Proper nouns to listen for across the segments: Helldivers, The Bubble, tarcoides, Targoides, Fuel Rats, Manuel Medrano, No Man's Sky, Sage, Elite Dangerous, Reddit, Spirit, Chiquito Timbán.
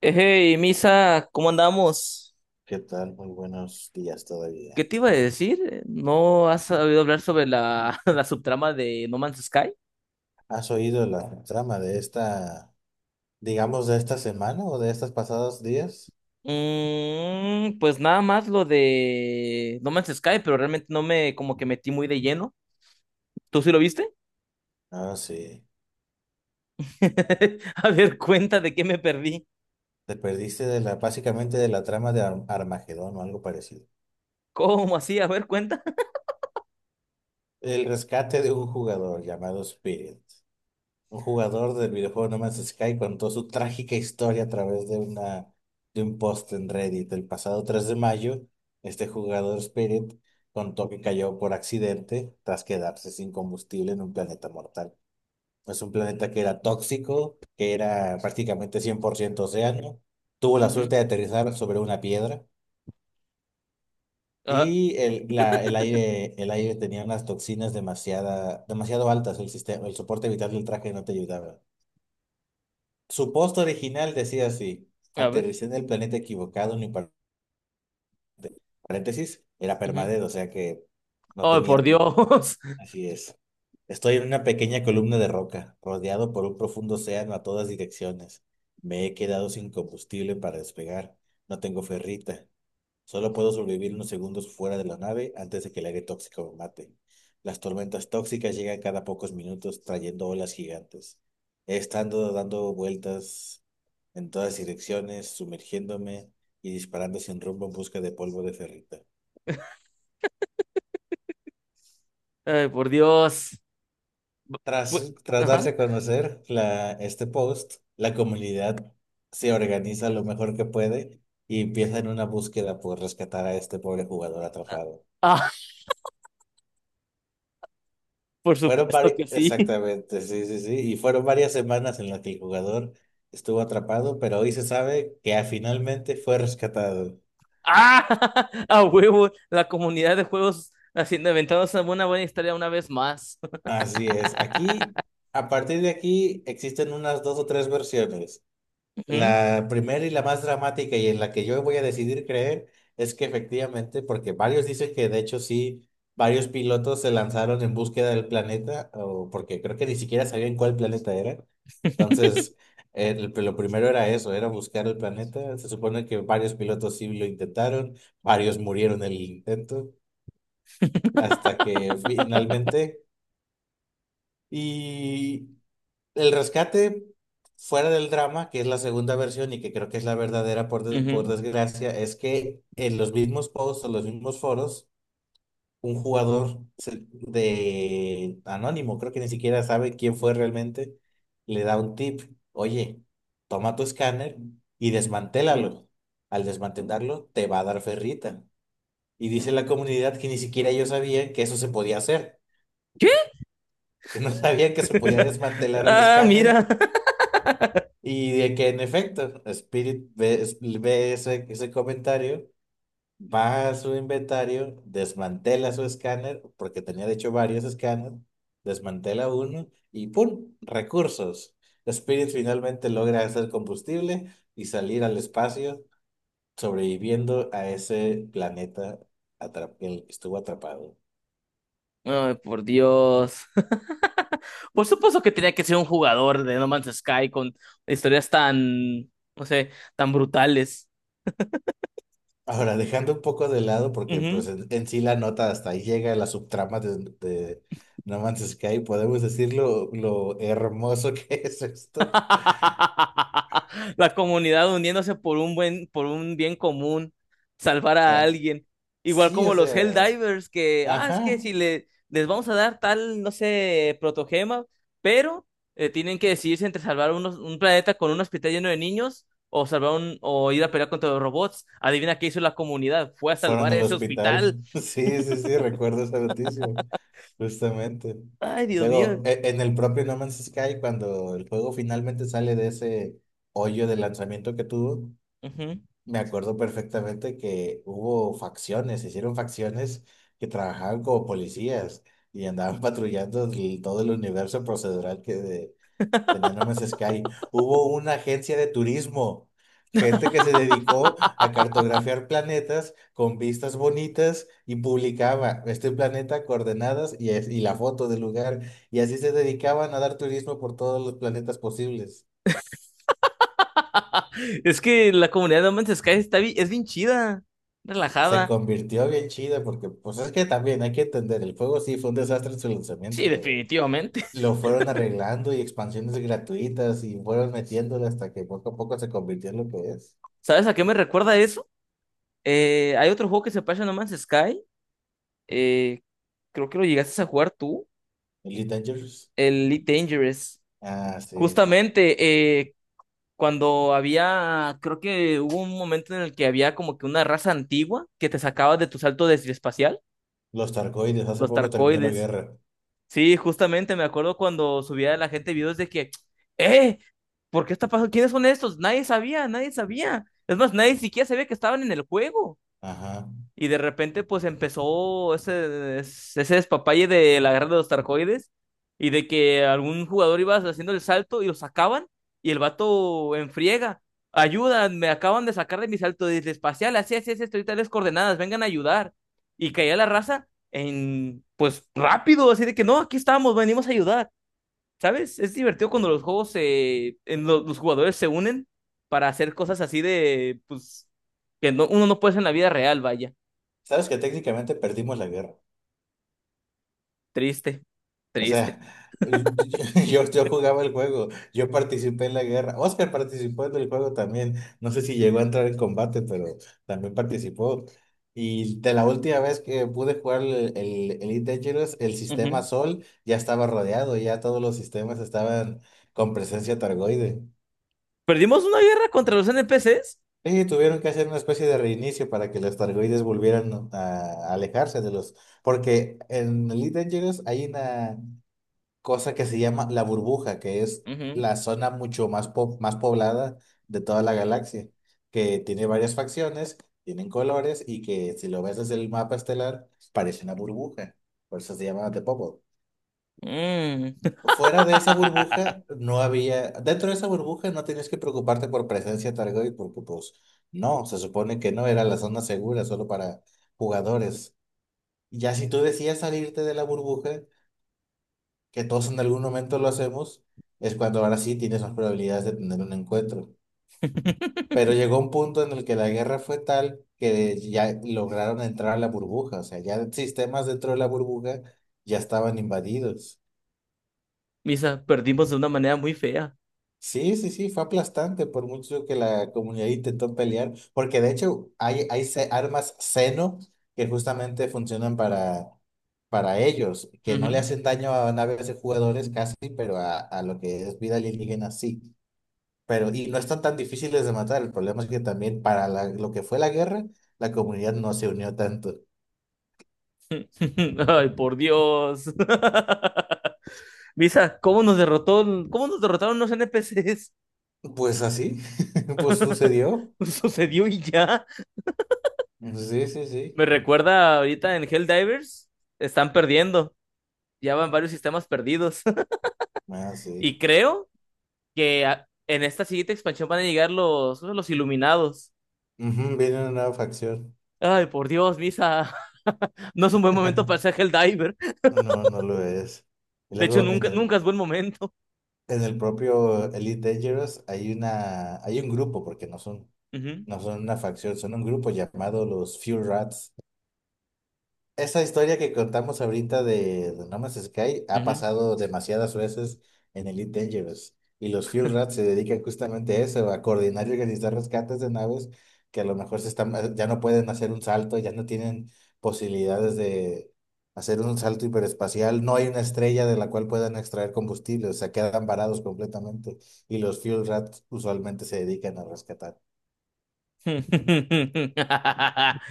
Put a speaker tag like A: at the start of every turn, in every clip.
A: Hey, Misa, ¿cómo andamos?
B: ¿Qué tal? Muy buenos días
A: ¿Qué
B: todavía.
A: te iba a decir? ¿No has sabido hablar sobre la subtrama de No Man's Sky?
B: ¿Has oído la trama de esta, digamos, de esta semana o de estos pasados días?
A: Mm, pues nada más lo de No Man's Sky, pero realmente no me como que metí muy de lleno. ¿Tú sí lo viste?
B: Ah, sí.
A: A ver, cuenta de qué me perdí.
B: Te perdiste de la, básicamente de la trama de Armagedón o algo parecido.
A: ¿Cómo así? A ver, cuenta.
B: El rescate de un jugador llamado Spirit. Un jugador del videojuego No Man's Sky contó su trágica historia a través de de un post en Reddit. El pasado 3 de mayo, este jugador Spirit contó que cayó por accidente tras quedarse sin combustible en un planeta mortal. Es un planeta que era tóxico, que era prácticamente 100% océano. Tuvo la
A: Ujú.
B: suerte de aterrizar sobre una piedra
A: Ah,
B: y el aire tenía unas toxinas demasiado altas. El sistema, el soporte vital del traje no te ayudaba. Su post original decía así:
A: a ver.
B: aterricé en el planeta equivocado, ni par- paréntesis, era
A: Ujú.
B: permadez, o sea que no
A: Ay, por
B: tenía.
A: Dios.
B: Así es. Estoy en una pequeña columna de roca, rodeado por un profundo océano a todas direcciones. Me he quedado sin combustible para despegar. No tengo ferrita. Solo puedo sobrevivir unos segundos fuera de la nave antes de que el aire tóxico me mate. Las tormentas tóxicas llegan cada pocos minutos trayendo olas gigantes. He estado dando vueltas en todas direcciones, sumergiéndome y disparando sin rumbo en busca de polvo de ferrita.
A: Ay, por Dios. Fu-
B: Tras darse
A: Ajá.
B: a conocer este post, la comunidad se organiza lo mejor que puede y empieza en una búsqueda por rescatar a este pobre jugador atrapado.
A: Ah, por
B: Fueron
A: supuesto
B: varias,
A: que sí.
B: exactamente, sí, sí, sí, y fueron varias semanas en las que el jugador estuvo atrapado, pero hoy se sabe que finalmente fue rescatado.
A: ¡Ah! A huevo, la comunidad de juegos haciendo inventados una buena historia una vez más.
B: Así es, aquí, a partir de aquí, existen unas dos o tres versiones.
A: Ujú,
B: La primera y la más dramática y en la que yo voy a decidir creer es que efectivamente, porque varios dicen que de hecho sí, varios pilotos se lanzaron en búsqueda del planeta, o porque creo que ni siquiera sabían cuál planeta era. Entonces, lo primero era eso, era buscar el planeta. Se supone que varios pilotos sí lo intentaron, varios murieron en el intento, hasta que finalmente y el rescate, fuera del drama, que es la segunda versión y que creo que es la verdadera por, por
A: ujú.
B: desgracia, es que en los mismos posts o los mismos foros, un jugador de anónimo, creo que ni siquiera sabe quién fue realmente, le da un tip. Oye, toma tu escáner y desmantélalo. Al desmantelarlo, te va a dar ferrita. Y dice la comunidad que ni siquiera ellos sabían que eso se podía hacer,
A: ¿Qué?
B: que no sabían que se podía desmantelar el
A: Ah,
B: escáner.
A: mira.
B: Y de que en efecto, Spirit ve ese, ese comentario, va a su inventario, desmantela su escáner, porque tenía de hecho varios escáneres, desmantela uno y ¡pum! Recursos. Spirit finalmente logra hacer combustible y salir al espacio, sobreviviendo a ese planeta en el que estuvo atrapado.
A: Ay, por Dios. Por supuesto que tenía que ser un jugador de No Man's Sky con historias tan, no sé, tan brutales.
B: Ahora, dejando un poco de lado, porque pues
A: Ujú.
B: en sí la nota hasta ahí llega la subtrama de No Man's Sky, podemos decir lo hermoso que es esto. O
A: La comunidad uniéndose por un buen, por un bien común, salvar a
B: sea,
A: alguien. Igual
B: sí, o
A: como los
B: sea,
A: Helldivers, que, ah, es
B: ajá,
A: que si le, les vamos a dar tal, no sé, protogema, pero tienen que decidirse entre salvar un planeta con un hospital lleno de niños o salvar un, o ir a pelear contra los robots. Adivina qué hizo la comunidad, fue a
B: fueron
A: salvar
B: al
A: ese
B: hospital.
A: hospital.
B: Sí, sí, sí, recuerdo esa noticia, justamente.
A: Ay, Dios mío.
B: Luego, en el propio No Man's Sky, cuando el juego finalmente sale de ese hoyo de lanzamiento que tuvo,
A: Ujú.
B: me acuerdo perfectamente que hubo facciones, se hicieron facciones que trabajaban como policías y andaban patrullando todo el universo procedural que tenía No Man's Sky. Hubo una agencia de turismo, gente que se dedicó a cartografiar planetas con vistas bonitas y publicaba este planeta, coordenadas y la foto del lugar. Y así se dedicaban a dar turismo por todos los planetas posibles.
A: Es que la comunidad de No Man's Sky está es bien chida,
B: Se
A: relajada.
B: convirtió bien chido porque, pues es que también hay que entender, el juego sí fue un desastre en su
A: Sí,
B: lanzamiento, pero
A: definitivamente.
B: lo fueron arreglando y expansiones gratuitas y fueron metiéndole hasta que poco a poco se convirtió en lo que es.
A: ¿Sabes a qué me recuerda eso? Hay otro juego que se pasa en No Man's Sky. eh, Creo que lo llegaste a jugar tú.
B: Elite Dangerous.
A: El Elite Dangerous.
B: Ah, sí.
A: Justamente eh, cuando había. Creo que hubo un momento en el que había como que una raza antigua que te sacaba de tu salto de espacial.
B: Los Targoides, hace
A: Los
B: poco terminó la
A: tarcoides.
B: guerra.
A: Sí, justamente me acuerdo cuando subía la gente videos de que. ¡Eh! ¿Por qué está pasando? ¿Quiénes son estos? Nadie sabía, nadie sabía. Es más, nadie siquiera sabía que estaban en el juego.
B: Ajá.
A: Y de repente, pues empezó ese despapalle de la guerra de los tarcoides y de que algún jugador iba haciendo el salto y lo sacaban y el vato enfriega. Ayudan, me acaban de sacar de mi salto desde espacial, así, así, así, estoy tales coordenadas, vengan a ayudar. Y caía la raza en, pues rápido, así de que no, aquí estamos, venimos a ayudar. ¿Sabes? Es divertido cuando los juegos los jugadores se unen para hacer cosas así de, pues, que no, uno no puede hacer en la vida real, vaya.
B: Sabes que técnicamente perdimos la guerra.
A: Triste,
B: O
A: triste.
B: sea, yo jugaba el juego, yo participé en la guerra. Oscar participó en el juego también. No sé si llegó a entrar en combate, pero también participó. Y de la última vez que pude jugar el Elite Dangerous, el sistema
A: Ujú.
B: Sol ya estaba rodeado, ya todos los sistemas estaban con presencia targoide.
A: ¿Perdimos una guerra contra los NPCs?
B: Y tuvieron que hacer una especie de reinicio para que los targoides volvieran a alejarse de los... Porque en Elite Dangerous hay una cosa que se llama la burbuja, que es
A: Ujú,
B: la zona más poblada de toda la galaxia, que tiene varias facciones, tienen colores y que si lo ves desde el mapa estelar parece una burbuja, por eso se llama The Bubble.
A: mm.
B: Fuera de esa burbuja no había, dentro de esa burbuja no tenías que preocuparte por presencia Targoid porque pues no, se supone que no era la zona segura solo para jugadores. Ya si tú decías salirte de la burbuja, que todos en algún momento lo hacemos, es cuando ahora sí tienes más probabilidades de tener un encuentro. Pero llegó un punto en el que la guerra fue tal que ya lograron entrar a la burbuja, o sea, ya sistemas dentro de la burbuja ya estaban invadidos.
A: Misa, perdimos de una manera muy fea.
B: Sí, sí, sí, fue aplastante por mucho que la comunidad intentó pelear, porque de hecho hay armas Xeno que justamente funcionan para ellos, que no le
A: Ujú.
B: hacen daño a naves de jugadores casi, pero a lo que es vida alienígena sí. Pero, y no están tan difíciles de matar. El problema es que también para lo que fue la guerra, la comunidad no se unió tanto.
A: Ay, por Dios. Misa, ¿cómo nos derrotó, cómo nos derrotaron los NPCs?
B: Pues así, pues sucedió.
A: Sucedió y ya.
B: Sí, sí, sí.
A: Me recuerda ahorita en Helldivers, están perdiendo. Ya van varios sistemas perdidos.
B: Ah, sí.
A: Y creo que en esta siguiente expansión van a llegar los iluminados.
B: Ujú, viene una nueva facción.
A: Ay, por Dios, Misa. No es un buen momento para ser Helldiver.
B: No, no lo es. Y
A: De hecho,
B: luego en
A: nunca, nunca es buen momento.
B: en el propio Elite Dangerous hay hay un grupo, porque no son,
A: Ujú,
B: no son una facción, son un grupo llamado los Fuel Rats. Esa historia que contamos ahorita de No Man's Sky ha
A: ujú.
B: pasado demasiadas veces en Elite Dangerous y los Fuel Rats se dedican justamente a eso, a coordinar y organizar rescates de naves que a lo mejor se están, ya no pueden hacer un salto, ya no tienen posibilidades de hacer un salto hiperespacial, no hay una estrella de la cual puedan extraer combustible, o sea, quedan varados completamente y los Fuel Rats usualmente se dedican a rescatar.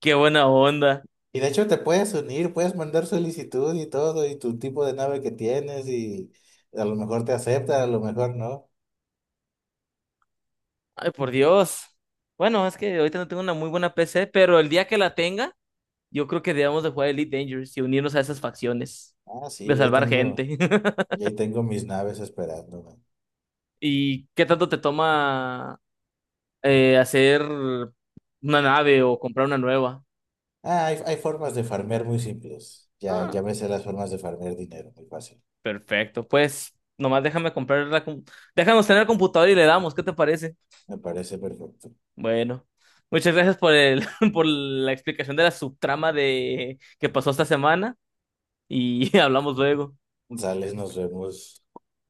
A: Qué buena onda.
B: Y de hecho te puedes unir, puedes mandar solicitud y todo, y tu tipo de nave que tienes, y a lo mejor te acepta, a lo mejor no.
A: Ay, por Dios. Bueno, es que ahorita no tengo una muy buena PC, pero el día que la tenga, yo creo que debemos de jugar Elite Dangerous y unirnos a esas facciones
B: Ah, sí,
A: de salvar gente.
B: yo ahí tengo mis naves esperándome.
A: ¿Y qué tanto te toma hacer una nave o comprar una nueva?
B: Ah, hay formas de farmear muy simples. Ya,
A: Ah,
B: ya me sé las formas de farmear dinero, muy fácil.
A: perfecto, pues nomás déjame comprar déjanos tener el computador y le damos, ¿qué te parece?
B: Me parece perfecto.
A: Bueno, muchas gracias por el por la explicación de la subtrama de que pasó esta semana y hablamos luego.
B: Sales, nos vemos.